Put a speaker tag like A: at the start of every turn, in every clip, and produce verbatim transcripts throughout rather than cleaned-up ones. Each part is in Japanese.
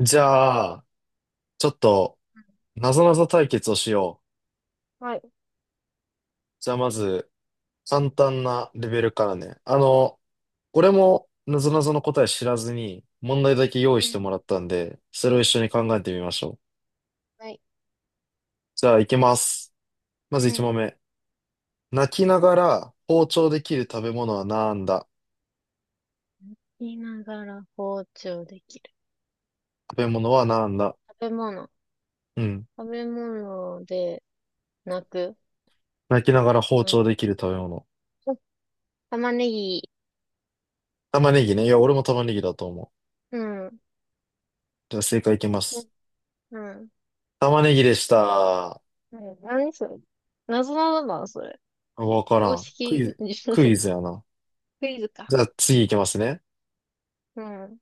A: じゃあ、ちょっと、なぞなぞ対決をしよう。
B: はい。
A: じゃあ、まず、簡単なレベルからね。あの、俺も、なぞなぞの答え知らずに、問題だけ用
B: う
A: 意しても
B: ん。
A: らったんで、それを一緒に考えてみましょう。
B: はい。
A: じゃあ、いきます。ま
B: う
A: ず
B: ん。
A: いちもんめ問目。泣きながら包丁できる食べ物はなんだ？
B: 言いながら包丁できる。
A: 食べ物はなんだ？
B: 食べ物。
A: うん。
B: 食べ物で泣く。
A: 泣きながら包
B: 泣
A: 丁できる食べ物。
B: く。玉ねぎ。
A: 玉ねぎね。いや、俺も玉ねぎだと思う。
B: うん。
A: じゃあ、正解いきま
B: うん。
A: す。
B: うん。
A: 玉ねぎでした。
B: ね、何それ？謎なんだな、それ。
A: わから
B: 公
A: ん。クイ
B: 式、
A: ズ、クイ ズやな。
B: クイズ
A: じ
B: か。
A: ゃあ次行きますね。
B: うん。うん。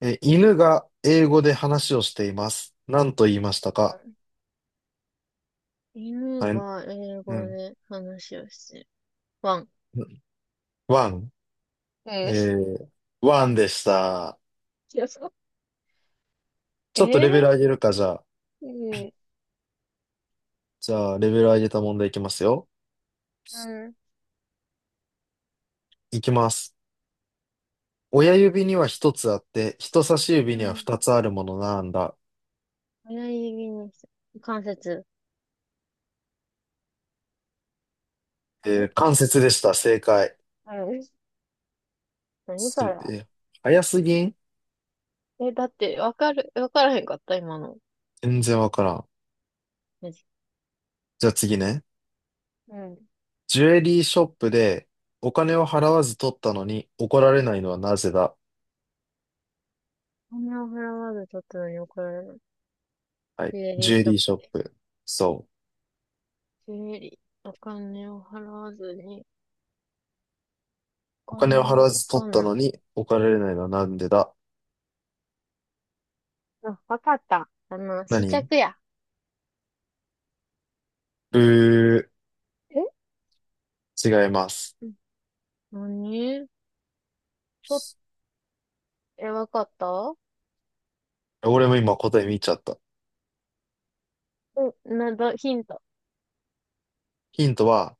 A: え、犬が英語で話をしています。何と言いましたか？
B: 犬
A: はい、
B: が英
A: う
B: 語
A: ん。
B: で話をしてる。ワン。
A: ワン。
B: うん。
A: え
B: い
A: ー、ワンでした。
B: や、そう。
A: ち
B: え
A: ょっとレベル
B: ー、
A: 上げるか、じゃあ。
B: うん。
A: じゃあ、レベル上げた問題いきますよ。
B: うん。
A: いきます。親指には一つあって、人差し指
B: う
A: には
B: ん。
A: 二つあるものなんだ。
B: 親指にして、関節。
A: え
B: え。
A: ー、関節でした。正解。
B: うん。何
A: す
B: それ。
A: え、早すぎん？
B: え、だって、わかる、わからへんかった、今の。
A: 全然わからん。
B: マジ。
A: じゃあ次ね。
B: うん。
A: ジュエリーショップでお金を払わず取ったのに怒られないのはなぜだ？
B: お金を払わず取ったのに怒られる。
A: はい。
B: ジュエリ
A: ジ
B: ー
A: ュエ
B: ショ
A: リ
B: ッ
A: ーショ
B: プ
A: ッ
B: で。
A: プ。そう。
B: ジュエリー。お金を払わずに、お
A: お金を
B: 金
A: 払
B: を
A: わ
B: わ
A: ず取
B: か
A: っ
B: ん
A: た
B: ない。
A: のに怒られないのはなんでだ？
B: あ、わかった。あの、試
A: 何？
B: 着や。
A: う
B: え。
A: ー、違います。
B: うん。何と、え、わかった。う
A: 俺も今答え見ちゃった。
B: ん。なだ、ヒント。
A: ヒントは、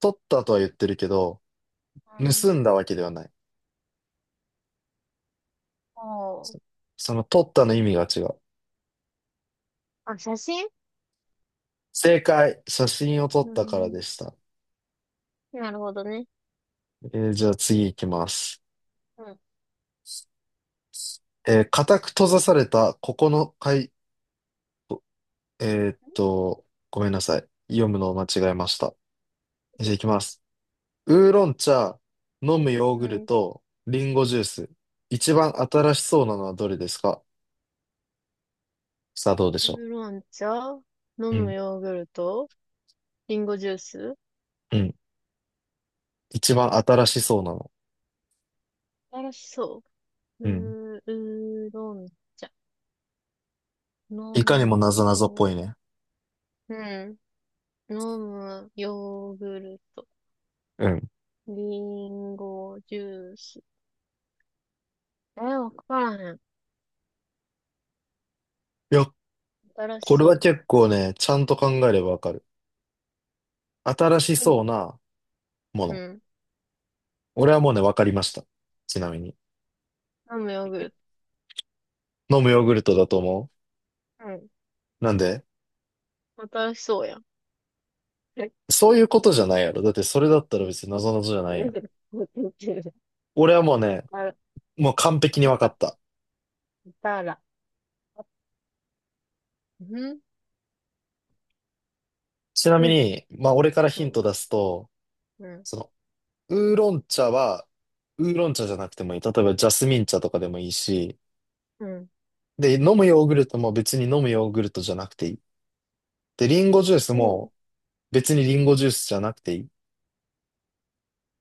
A: 取ったとは言ってるけど、
B: うん。
A: 盗んだわけではない。
B: お
A: そ
B: ー。
A: その取ったの意味が違う。
B: あ、写真。
A: 正解。写真を撮っ
B: う
A: たからで
B: ん。
A: した。
B: なるほどね。
A: えーじゃあ次行きます。
B: うん。
A: えー固く閉ざされたここの階、えーっと、ごめんなさい。読むのを間違えました。じゃあ、いきます。ウーロン茶、飲むヨー
B: う
A: グル
B: ん。
A: ト、リンゴジュース。一番新しそうなのはどれですか？さあ、どうで
B: ウ
A: しょ
B: ーロン茶、飲
A: う。う
B: む
A: ん、
B: ヨーグルト、リンゴジュース。
A: うん。一番新しそうなの。
B: 新しそう。
A: うん。
B: うー、うーろん茶。飲
A: いかにもな
B: む
A: ぞなぞっぽ
B: よ。
A: いね。
B: うん。飲むヨーグルト。
A: うん。い
B: リンゴジュース。えー、わからへん。
A: や、
B: 新し
A: これ
B: そ
A: は
B: う。
A: 結構ね、ちゃんと考えればわかる。新し
B: うん。
A: そうなも
B: う
A: の。
B: ん。
A: 俺はもうね、わかりました。ちなみに。
B: 飲むヨーグルト。
A: 飲むヨーグルトだと思
B: うん。
A: う。なんで？
B: 新しそうやん。え。
A: そういうことじゃないやろ。だってそれだったら別になぞなぞじゃない
B: う
A: や
B: ん。
A: ん。俺はもうね、
B: あら、
A: もう完璧に
B: あっ
A: 分か
B: た。
A: った。
B: いたら。うん。
A: ちな
B: う
A: み
B: ん。
A: に、まあ俺から
B: う
A: ヒン
B: ん。
A: ト出すと、
B: うん。
A: その、ウーロン茶は、ウーロン茶じゃなくてもいい。例えばジャスミン茶とかでもいいし、
B: うん。
A: で、飲むヨーグルトも別に飲むヨーグルトじゃなくていい。で、リンゴジュース
B: おう、
A: も別にリンゴジュースじゃなくていい。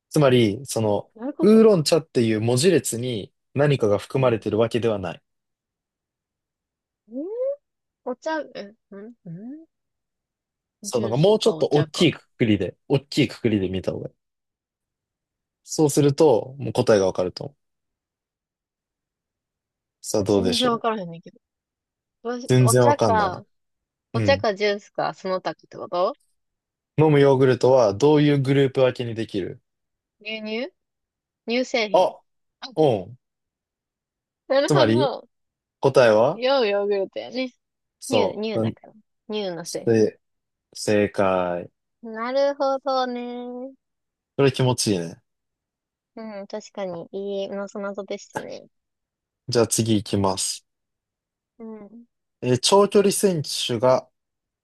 A: つまり、その、
B: どういうこ
A: ウー
B: と？
A: ロン茶っていう文字列に何かが含
B: う
A: まれ
B: ん。
A: てるわけではない。
B: うん。お茶、え、うん、うん。
A: そう、
B: ジ
A: な
B: ュ
A: ん
B: ー
A: か
B: ス
A: もうちょ
B: か
A: っ
B: お
A: と大
B: 茶
A: き
B: か。
A: いくくりで、大きいくくりで見た方がいい。そうすると、もう答えがわかると思う。さあどうで
B: 全
A: し
B: 然
A: ょ
B: わか
A: う。
B: らへんねんけど。どうし、
A: 全
B: お
A: 然わ
B: 茶
A: かんない。
B: か、
A: う
B: お茶
A: ん。
B: かジュースか、その他ってこと？
A: 飲むヨーグルトはどういうグループ分けにできる？
B: 牛乳。乳製品。
A: あ、
B: あ、
A: うん。
B: なる
A: つま
B: ほ
A: り、
B: ど。
A: 答えは
B: ようヨーグルトやね。乳、
A: そ
B: 乳
A: う。う
B: だ
A: ん。
B: から。乳の製品。
A: せ、正解。
B: なるほどね。
A: これ気持ちいいね。
B: うん、確かに、いいのそなぞでしたね。
A: じゃあ次行きます。
B: うん。
A: えー長距離選手が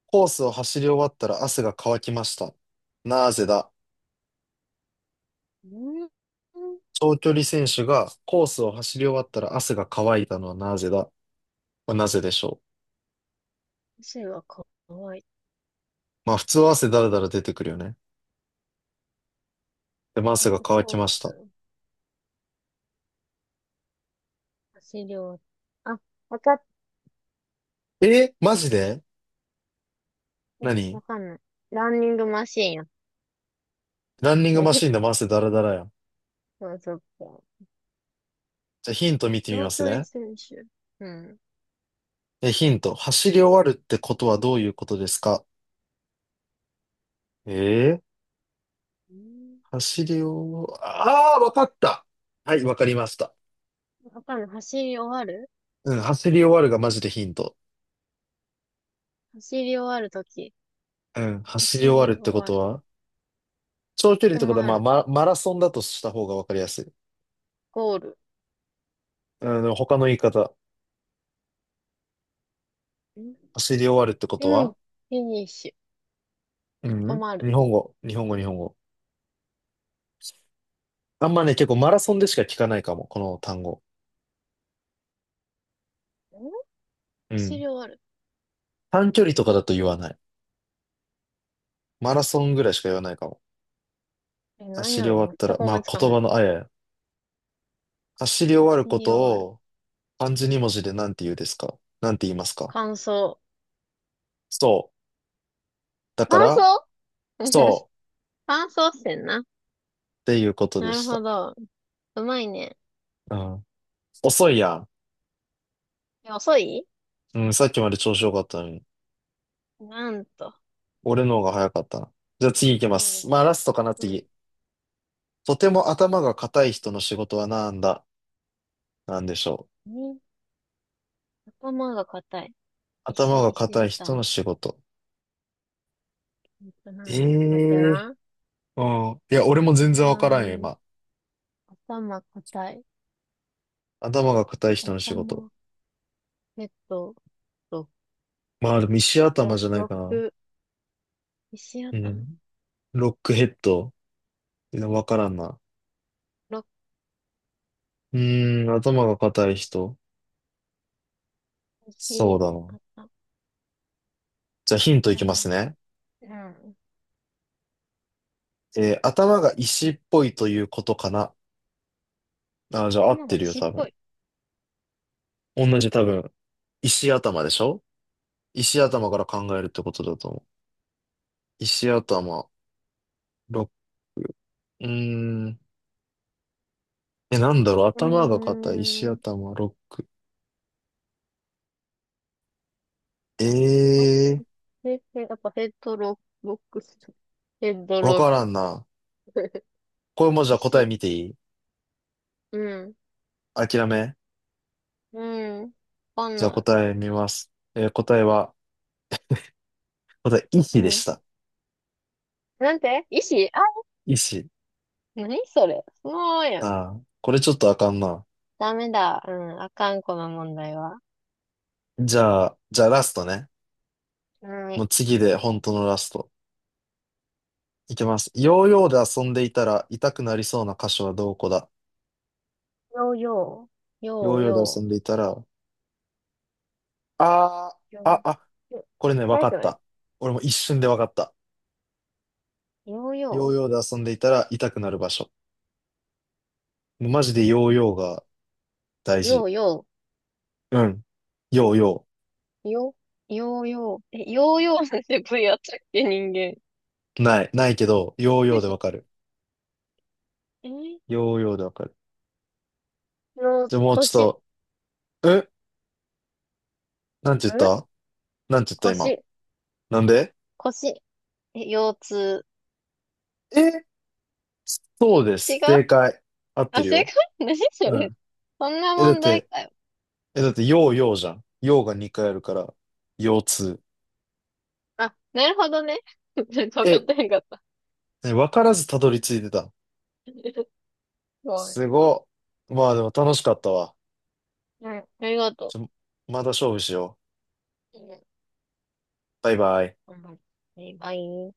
A: コースを走り終わったら汗が乾きました。なぜだ？
B: うん。
A: 長距離選手がコースを走り終わったら汗が乾いたのはなぜだ？これなぜでしょ
B: 汗はかわいい。
A: う？まあ普通は汗だらだら出てくるよね。でも
B: タン
A: 汗が乾き
B: コー
A: ました。
B: ス。汗量。あ、わかっ、
A: えーマジで？何？
B: わかんない。ランニングマシーンやっ
A: ランニン
B: て
A: グマシ
B: る。
A: ンで回せダラダラやん。
B: そう、そっか。
A: じゃあヒント見てみま
B: 長
A: す
B: 距離
A: ね。
B: 選手。うん。
A: え、ヒント。走り終わるってことはどういうことですか？えー、
B: うん。
A: 走り終わ、ああ、わかった。はい、わかりました。
B: わかんない。走り終わる
A: うん、走り終わるがマジでヒント。
B: 走り終わるとき。
A: うん、走
B: 走
A: り終わ
B: り
A: るって
B: 終
A: こ
B: わ
A: と
B: る。
A: は長距離っ
B: 止
A: てことは、
B: ま
A: まあ、
B: る。
A: マ、マラソンだとした方がわかりやすい。
B: ゴール。
A: うん、でも他の言い方。
B: んフ
A: 走り終わるってこ
B: ィ
A: と
B: ニ
A: は？
B: フィニッシ
A: う
B: ュ。止
A: ん、
B: まる。
A: 日本語、日本語、日本語。あんまね、結構マラソンでしか聞かないかも、この単語。
B: ん
A: う
B: 走
A: ん。
B: り終わる。
A: 短距離とかだと言わない。マラソンぐらいしか言わないかも。
B: え、なん
A: 走
B: や
A: り終
B: ろ？
A: わった
B: 全
A: ら、
B: く思い
A: まあ
B: つかへ
A: 言
B: ん。
A: 葉のあやや。走り終わる
B: 走
A: こ
B: り終
A: と
B: わる。
A: を漢字に文字で何て言うですか何て言いますか？
B: 乾燥。
A: そう。だか
B: 乾
A: ら、
B: 燥。
A: そ
B: 乾燥してん。 な。
A: うっていうことで
B: なる
A: し
B: ほ
A: た。
B: ど。うまいね。
A: うん。遅いやん。
B: え、遅い？
A: うん、さっきまで調子良かったのに。
B: なんと。
A: 俺の方が早かったな。じゃあ次行きま
B: うん。
A: す。まあラストかな、
B: う
A: 次。とても頭が固い人の仕事はなんだ？なんでしょう。
B: ん。ん。頭が硬い。石、
A: 頭が
B: 石
A: 固い人の
B: 頭。
A: 仕事。
B: えっと
A: え
B: な。待って
A: え。
B: な。
A: うん。いや、俺も全
B: う
A: 然わからんよ、
B: ーん、
A: 今。
B: 頭硬い。
A: 頭が固い人の仕事。
B: 頭、えっと、と、
A: まあ、でも石頭
B: ろ
A: じゃない
B: 六、
A: かな。
B: 石
A: う
B: 頭。
A: ん。ロックヘッド。わからんな。
B: 六、
A: うーん、頭が硬い人。そう
B: 石、
A: だな。
B: 頭、
A: じゃあヒントいきます
B: 頭。
A: ね。
B: うん。
A: えー頭が石っぽいということかな。あー、じゃあ合っ
B: 頭
A: て
B: が
A: るよ、
B: 石っ
A: 多分。
B: ぽい。
A: 同じ多分。石頭でしょ？石頭から考えるってことだと思う。石頭、ロック。うーん。え、なんだろう。
B: う
A: 頭が
B: ー
A: 硬い、石
B: ん。
A: 頭、ロック。
B: ろ
A: ええ
B: へ、へ、やっぱヘッドロック、ヘッド
A: ー、わ
B: ロ
A: か
B: ッ
A: らんな。
B: ク。
A: これも じゃあ答え
B: 石。
A: 見ていい？
B: うん。
A: 諦め。
B: うん。わかん
A: じゃあ
B: ない。
A: 答え見ます。えー答えは、また、医師でし
B: 何、
A: た。
B: なんて、石、あ、
A: 医師。
B: 何それ、そのままやん。
A: ああ、これちょっとあかんな。
B: ダメだ。うん。あかん、この問題は。
A: じゃあ、じゃあラストね。
B: うん。よ
A: もう次で本当のラスト。いきます。ヨーヨーで遊んでいたら痛くなりそうな箇所はどこだ？
B: ー、よう、
A: ヨ
B: よ
A: ー
B: う、
A: ヨーで遊
B: よ
A: ん
B: う、
A: でいたら、あ
B: よ
A: ー、あ、あ、
B: よ。
A: これね、わ
B: 早
A: か
B: く
A: っ
B: ない？
A: た。俺も一瞬でわかった。
B: ヨー
A: ヨー
B: ヨ
A: ヨーで遊んでいたら痛くなる場所。もうマジでヨーヨーが大
B: ー、ヨ
A: 事。
B: ーヨ
A: うん。ヨーヨ
B: ー、ヨ、ヨーヨー、え、ヨーヨーなんて部位あったっけ、人間。
A: ー。ない、ないけど、ヨーヨーでわか る。
B: え。
A: ヨーヨーでわかる。
B: の、
A: じゃあもうち
B: 腰、
A: ょ
B: ん。
A: っと、えなんて言った？なんて言った今？
B: 腰、
A: なんで？
B: 腰、え、腰痛。
A: え、そうで
B: 違う。
A: す。正解。合って
B: あ、
A: る
B: 正
A: よ。
B: 解。 何そ
A: う
B: れ？
A: ん。
B: そんな
A: え、だっ
B: 問題
A: て、
B: かよ。
A: え、だって、ようようじゃん。ようがにかいあるから、腰痛。
B: あ、なるほどね。ちょっと分かっ
A: え、
B: てへんかった。
A: ね、わからずたどり着いてた。
B: ごめん。
A: すごっ。まあでも楽しかったわ。
B: うん、ありがと
A: ちょ、また勝負しよう。
B: う。うん、
A: バイバイ。
B: 頑張る。バイバイ。